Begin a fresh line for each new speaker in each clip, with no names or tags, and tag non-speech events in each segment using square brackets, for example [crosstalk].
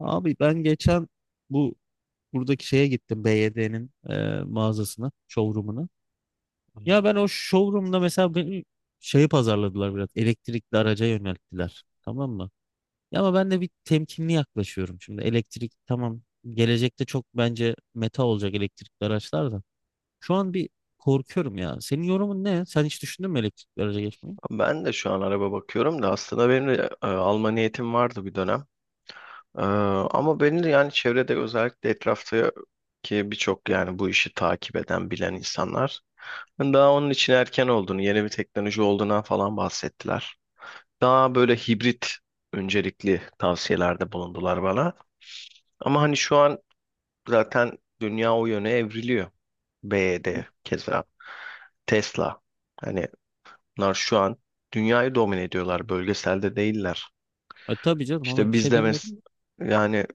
Abi ben geçen bu buradaki şeye gittim BYD'nin mağazasına, showroom'una. Ya ben o showroom'da mesela benim şeyi pazarladılar biraz. Elektrikli araca yönelttiler. Tamam mı? Ya ama ben de bir temkinli yaklaşıyorum şimdi. Elektrik tamam, gelecekte çok bence meta olacak elektrikli araçlar da. Şu an bir korkuyorum ya. Senin yorumun ne? Sen hiç düşündün mü elektrikli araca geçmeyi?
Ben de şu an araba bakıyorum da aslında benim de alma niyetim vardı bir dönem. E, ama benim de yani çevrede özellikle etraftaki birçok yani bu işi takip eden bilen insanlar daha onun için erken olduğunu, yeni bir teknoloji olduğundan falan bahsettiler. Daha böyle hibrit öncelikli tavsiyelerde bulundular bana. Ama hani şu an zaten dünya o yöne evriliyor. BYD, keza Tesla. Hani bunlar şu an dünyayı domine ediyorlar, bölgeselde değiller.
Tabii canım, ona
İşte
bir
biz
şey
de
demiyorum.
yani,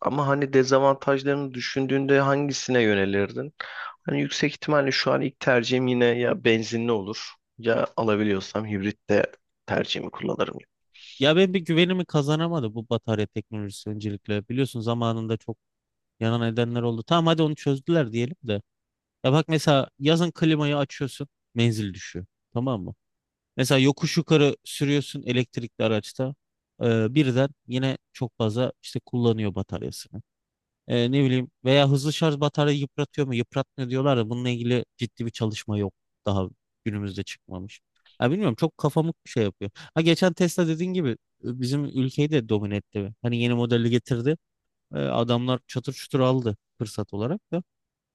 ama hani dezavantajlarını düşündüğünde hangisine yönelirdin? Hani yüksek ihtimalle şu an ilk tercihim yine ya benzinli olur, ya alabiliyorsam hibrit de tercihimi kullanırım.
Ya ben bir, güvenimi kazanamadı bu batarya teknolojisi öncelikle. Biliyorsun zamanında çok yanan edenler oldu. Tamam, hadi onu çözdüler diyelim de. Ya bak, mesela yazın klimayı açıyorsun. Menzil düşüyor. Tamam mı? Mesela yokuş yukarı sürüyorsun elektrikli araçta. Birden yine çok fazla işte kullanıyor bataryasını. Ne bileyim, veya hızlı şarj batarya yıpratıyor mu? Yıpratmıyor diyorlar da bununla ilgili ciddi bir çalışma yok. Daha günümüzde çıkmamış. Ya bilmiyorum, çok kafamı şey yapıyor. Ha, geçen Tesla dediğin gibi bizim ülkeyi de domine etti. Hani yeni modeli getirdi. Adamlar çatır çutur aldı fırsat olarak da.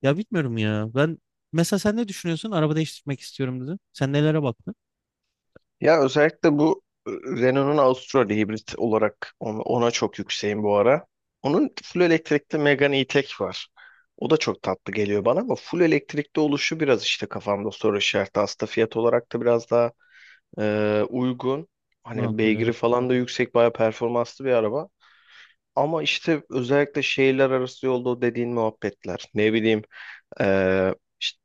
Ya bilmiyorum ya. Ben, mesela sen ne düşünüyorsun? Araba değiştirmek istiyorum dedi. Sen nelere baktın?
Ya özellikle bu Renault'un Austral hibrit olarak, ona, ona çok yükseğim bu ara. Onun full elektrikli Megane E-Tech var. O da çok tatlı geliyor bana ama full elektrikli oluşu biraz işte kafamda soru işareti. Aslında fiyat olarak da biraz daha uygun. Hani
Makul,
beygiri
evet.
falan da yüksek, bayağı performanslı bir araba. Ama işte özellikle şehirler arası yolda o dediğin muhabbetler. Ne bileyim ee, işte-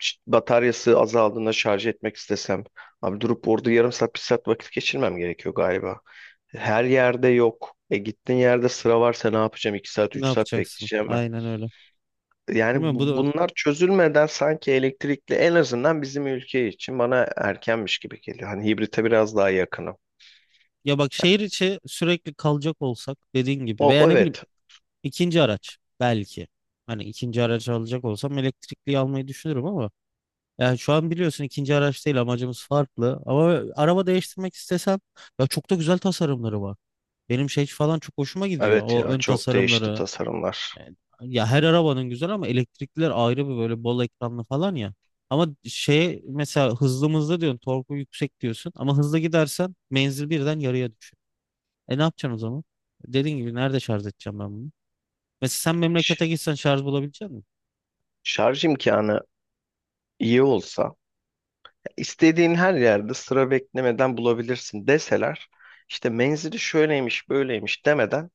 işte bataryası azaldığında şarj etmek istesem. Abi durup orada yarım saat, bir saat vakit geçirmem gerekiyor galiba. Her yerde yok. E gittiğin yerde sıra varsa ne yapacağım? İki saat,
Ne
3 saat
yapacaksın?
bekleyeceğim ben.
Aynen öyle.
Yani
Bilmiyorum, bu da,
bunlar çözülmeden sanki elektrikli en azından bizim ülke için bana erkenmiş gibi geliyor. Hani hibrite biraz daha yakınım.
ya bak şehir içi sürekli kalacak olsak dediğin gibi, veya
O,
ne bileyim,
evet.
ikinci araç belki. Hani ikinci araç alacak olsam elektrikli almayı düşünürüm, ama yani şu an biliyorsun ikinci araç değil amacımız, farklı. Ama araba değiştirmek istesem, ya çok da güzel tasarımları var. Benim şey falan çok hoşuma gidiyor,
Evet,
o
ya
ön
çok değişti
tasarımları.
tasarımlar.
Evet. Ya her arabanın güzel ama elektrikliler ayrı bir, böyle bol ekranlı falan ya. Ama şey, mesela hızlı mı hızlı diyorsun, torku yüksek diyorsun ama hızlı gidersen menzil birden yarıya düşüyor. Ne yapacaksın o zaman? Dediğin gibi, nerede şarj edeceğim ben bunu? Mesela sen
Ş-
memlekete gitsen şarj bulabilecek misin?
Şarj imkanı iyi olsa, ya istediğin her yerde sıra beklemeden bulabilirsin deseler, işte menzili şöyleymiş böyleymiş demeden,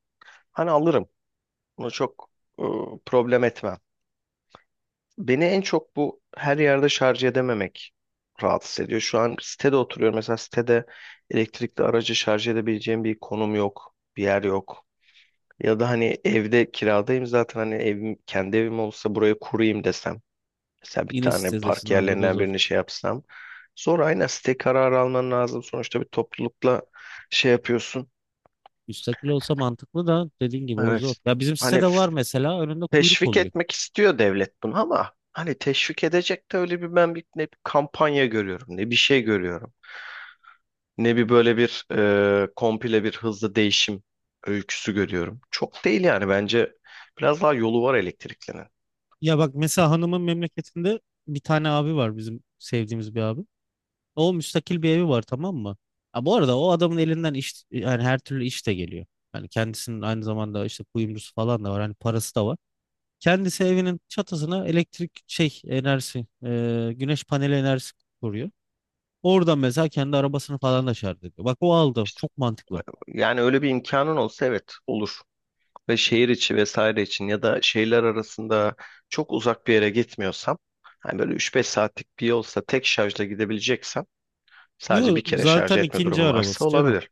hani alırım. Bunu çok e, problem etmem. Beni en çok bu her yerde şarj edememek rahatsız ediyor. Şu an sitede oturuyorum. Mesela sitede elektrikli aracı şarj edebileceğim bir konum yok, bir yer yok. Ya da hani evde kiradayım zaten, hani evim, kendi evim olsa buraya kurayım desem. Mesela bir
Yine
tane
sitedesin
park
abi, o da
yerlerinden
zor.
birini şey yapsam. Sonra aynen, site kararı alman lazım. Sonuçta bir toplulukla şey yapıyorsun.
Müstakil olsa mantıklı da, dediğin gibi o zor.
Evet.
Ya bizim
Hani
sitede var mesela, önünde kuyruk
teşvik
oluyor.
etmek istiyor devlet bunu, ama hani teşvik edecek de öyle bir, ben bir ne bir kampanya görüyorum, ne bir şey görüyorum. Ne bir böyle bir komple bir hızlı değişim öyküsü görüyorum. Çok değil yani, bence biraz daha yolu var elektriklinin.
Ya bak, mesela hanımın memleketinde bir tane abi var, bizim sevdiğimiz bir abi. O, müstakil bir evi var, tamam mı? Ha, bu arada o adamın elinden iş, yani her türlü iş de geliyor. Yani kendisinin aynı zamanda işte kuyumcusu falan da var. Hani parası da var. Kendisi evinin çatısına elektrik şey enerjisi, güneş paneli enerjisi kuruyor. Oradan mesela kendi arabasını falan da şarj ediyor. Bak, o aldı.
İşte,
Çok mantıklı.
yani öyle bir imkanın olsa evet, olur. Ve şehir içi vesaire için, ya da şehirler arasında çok uzak bir yere gitmiyorsam, hani böyle 3-5 saatlik bir yolsa, tek şarjla gidebileceksem, sadece
Yok,
bir kere şarj
zaten
etme
ikinci
durumu varsa,
arabası canım.
olabilir.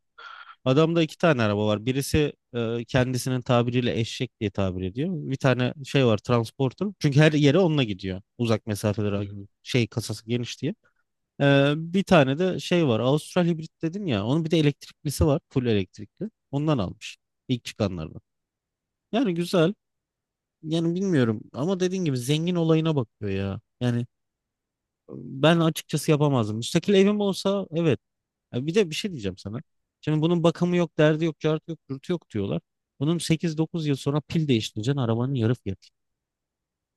Adamda iki tane araba var. Birisi, kendisinin tabiriyle eşek diye tabir ediyor. Bir tane şey var, transporter. Çünkü her yere onunla gidiyor, uzak
Hı
mesafelere,
hı.
şey, kasası geniş diye. Bir tane de şey var. Avustral hibrit dedin ya, onun bir de elektriklisi var. Full elektrikli. Ondan almış. İlk çıkanlardan. Yani güzel. Yani bilmiyorum ama dediğin gibi, zengin olayına bakıyor ya. Yani ben açıkçası yapamazdım. Müstakil evim olsa evet. Ya bir de bir şey diyeceğim sana. Şimdi bunun bakımı yok, derdi yok, cartı yok, dürtü yok diyorlar. Bunun 8-9 yıl sonra pil değiştireceksin, arabanın yarı fiyatı.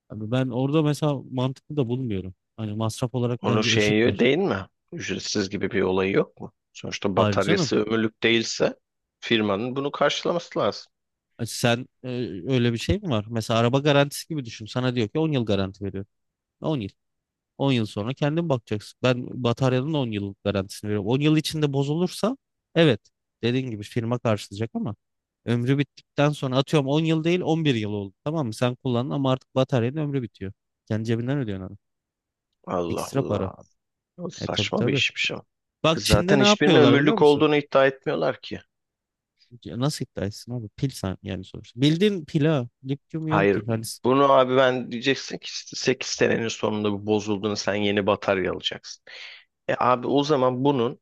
Abi ben orada mesela mantıklı da bulmuyorum. Hani masraf olarak
Onun
bence
şeyi
eşitler.
değil mi? Ücretsiz gibi bir olayı yok mu? Sonuçta
Hayır canım.
bataryası ömürlük değilse firmanın bunu karşılaması lazım.
Sen, öyle bir şey mi var? Mesela araba garantisi gibi düşün. Sana diyor ki 10 yıl garanti veriyor. 10 yıl. 10 yıl sonra kendin bakacaksın. Ben bataryanın 10 yıllık garantisini veriyorum. 10 yıl içinde bozulursa, evet, dediğin gibi firma karşılayacak, ama ömrü bittikten sonra, atıyorum, 10 yıl değil 11 yıl oldu. Tamam mı? Sen kullandın ama artık bataryanın ömrü bitiyor. Kendi cebinden ödüyorsun adam.
Allah
Ekstra para.
Allah. O
Tabii
saçma bir
tabii.
işmiş o.
Bak, Çin'de
Zaten
ne
hiçbirinin
yapıyorlar biliyor
ömürlük
musun?
olduğunu iddia etmiyorlar ki.
Ya nasıl iddia etsin abi? Pil sen, yani sonuçta. Bildiğin pil ha. Lityum iyon
Hayır.
pil. Hani,
Bunu, abi ben diyeceksin ki 8 senenin sonunda bu bozulduğunu sen yeni batarya alacaksın. E abi, o zaman bunun,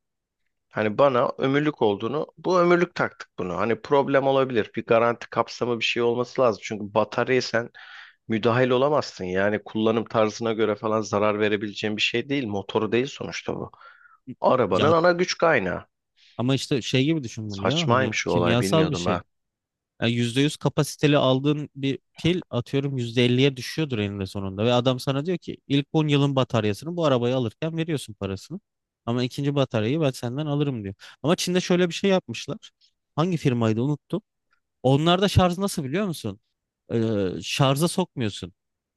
hani bana ömürlük olduğunu, bu ömürlük taktık bunu. Hani problem olabilir. Bir garanti kapsamı, bir şey olması lazım. Çünkü bataryayı sen müdahil olamazsın. Yani kullanım tarzına göre falan zarar verebileceğin bir şey değil. Motoru değil sonuçta bu.
ya
Arabanın ana güç kaynağı.
ama işte şey gibi düşün bunu ya. Hani
Saçmaymış o olay,
kimyasal bir
bilmiyordum
şey.
ben.
Yani %100 kapasiteli aldığın bir pil, atıyorum %50'ye düşüyordur eninde sonunda. Ve adam sana diyor ki ilk 10 yılın bataryasını bu arabayı alırken veriyorsun parasını. Ama ikinci bataryayı ben senden alırım diyor. Ama Çin'de şöyle bir şey yapmışlar. Hangi firmaydı unuttum. Onlarda şarj nasıl biliyor musun? Şarja sokmuyorsun.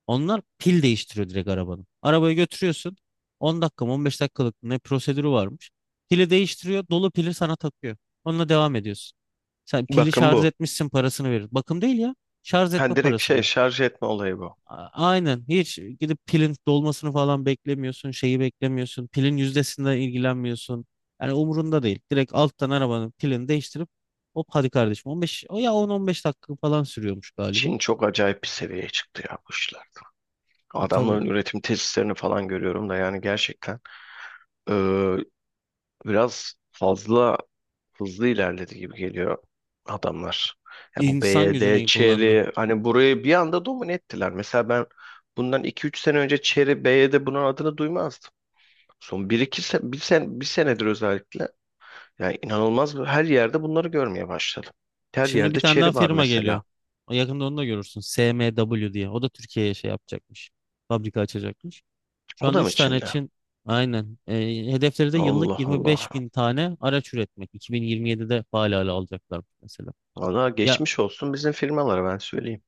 Onlar pil değiştiriyor direkt arabanın. Arabayı götürüyorsun. 10 dakika mı, 15 dakikalık ne, prosedürü varmış. Pili değiştiriyor. Dolu pili sana takıyor. Onunla devam ediyorsun. Sen pili
Bakın
şarj
bu.
etmişsin, parasını verir. Bakım değil ya, şarj
Ha,
etme
direkt
parası
şey,
gibi.
şarj etme olayı bu.
Aynen. Hiç gidip pilin dolmasını falan beklemiyorsun. Şeyi beklemiyorsun, pilin yüzdesinden ilgilenmiyorsun. Yani umurunda değil. Direkt alttan arabanın pilini değiştirip hop, hadi kardeşim, 15 o ya 10-15 dakika falan sürüyormuş galiba.
Çin çok acayip bir seviyeye çıktı ya bu işlerde.
Tabii.
Adamların üretim tesislerini falan görüyorum da, yani gerçekten eee, biraz fazla hızlı ilerledi gibi geliyor adamlar. Ya bu B.
İnsan
Y
gücünü
D.
iyi kullandı.
Chery, hani burayı bir anda domine ettiler. Mesela ben bundan iki üç sene önce Chery, BYD bunun adını duymazdım. Son bir iki sene, bir senedir özellikle, yani inanılmaz her yerde bunları görmeye başladım. Her
Şimdi bir
yerde
tane daha
Chery var
firma geliyor.
mesela.
O yakında onu da görürsün. SMW diye. O da Türkiye'ye şey yapacakmış, fabrika açacakmış. Şu
O
an
da mı
3 tane
Çin'de?
Çin. Aynen. Hedefleri de yıllık
Allah Allah.
25 bin tane araç üretmek. 2027'de faal hale alacaklar mesela.
Valla
Ya
geçmiş olsun bizim firmalara, ben söyleyeyim.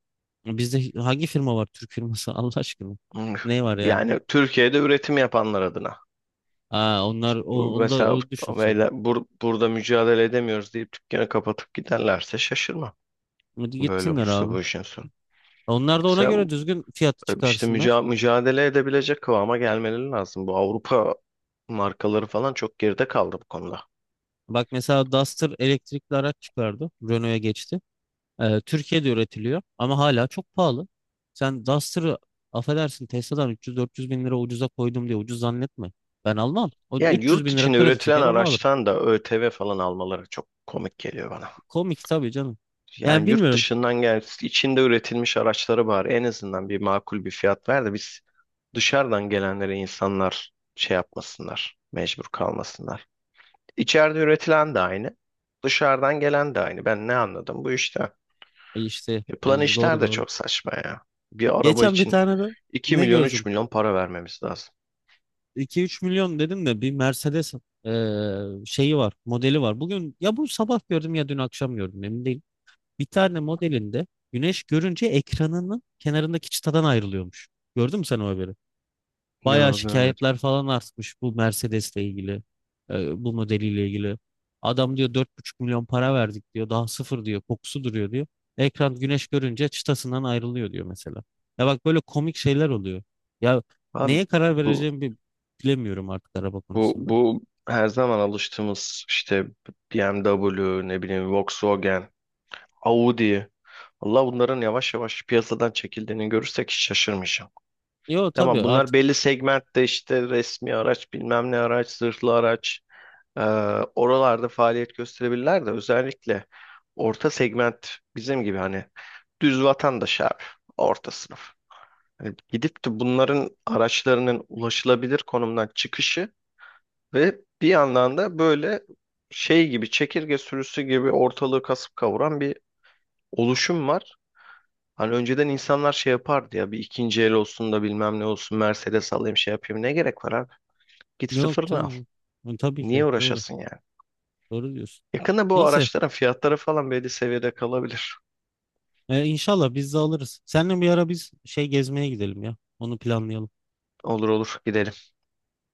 bizde hangi firma var? Türk firması [laughs] Allah aşkına.
Hmm.
Ne var yani?
Yani Türkiye'de üretim yapanlar adına.
Aa, onlar, onu da
Mesela
o düşünsün.
böyle burada mücadele edemiyoruz deyip dükkanı kapatıp giderlerse şaşırma.
Hadi
Böyle
gitsinler
olursa
abi.
bu işin sonu.
Onlar da ona
Sen
göre düzgün fiyatı
işte
çıkarsınlar.
mücadele edebilecek kıvama gelmeleri lazım. Bu Avrupa markaları falan çok geride kaldı bu konuda.
Bak, mesela Duster elektrikli araç çıkardı. Renault'a geçti. Türkiye'de üretiliyor ama hala çok pahalı. Sen Duster'ı, affedersin, Tesla'dan 300-400 bin lira ucuza koydum diye ucuz zannetme. Ben almam. O da
Yani
300
yurt
bin lira
içinde
kredi
üretilen
çeker onu alırım.
araçtan da ÖTV falan almaları çok komik geliyor bana.
Komik tabii canım. Yani
Yani yurt
bilmiyorum.
dışından içinde üretilmiş araçları bari en azından bir makul bir fiyat ver de biz dışarıdan gelenlere, insanlar şey yapmasınlar, mecbur kalmasınlar. İçeride üretilen de aynı, dışarıdan gelen de aynı. Ben ne anladım bu işten?
İşte
Yapılan işler
doğru
de
doğru.
çok saçma ya. Bir araba
Geçen bir
için
tane de
2
ne
milyon, 3
gördüm?
milyon para vermemiz lazım.
2-3 milyon dedim de, bir Mercedes şeyi var, modeli var. Bugün, ya bu sabah gördüm ya dün akşam gördüm, emin değilim. Bir tane modelinde güneş görünce ekranının kenarındaki çıtadan ayrılıyormuş. Gördün mü sen o haberi? Bayağı
Yok, görmedim.
şikayetler falan artmış bu Mercedes'le ilgili, bu modeliyle ilgili. Adam diyor 4,5 milyon para verdik diyor. Daha sıfır diyor. Kokusu duruyor diyor. Ekran güneş görünce çıtasından ayrılıyor diyor mesela. Ya bak, böyle komik şeyler oluyor. Ya
Abi
neye karar
bu
vereceğimi bilemiyorum artık araba
bu
konusunda.
bu her zaman alıştığımız işte BMW, ne bileyim Volkswagen, Audi. Allah, bunların yavaş yavaş piyasadan çekildiğini görürsek hiç şaşırmayacağım.
Yo tabii,
Tamam, bunlar
artık
belli segmentte işte resmi araç, bilmem ne araç, zırhlı araç, e, oralarda faaliyet gösterebilirler de, özellikle orta segment, bizim gibi hani düz vatandaş abi, orta sınıf. Hani gidip de bunların araçlarının ulaşılabilir konumdan çıkışı ve bir yandan da böyle şey gibi, çekirge sürüsü gibi ortalığı kasıp kavuran bir oluşum var. Hani önceden insanlar şey yapardı ya, bir ikinci el olsun da bilmem ne olsun, Mercedes alayım şey yapayım, ne gerek var abi? Git
yok
sıfırını al.
canım. Hı, tabii
Niye
ki doğru.
uğraşasın yani?
Doğru diyorsun.
Yakında bu
Neyse,
araçların fiyatları falan belli seviyede kalabilir.
inşallah biz de alırız. Seninle bir ara biz şey gezmeye gidelim ya. Onu planlayalım.
Olur olur, gidelim.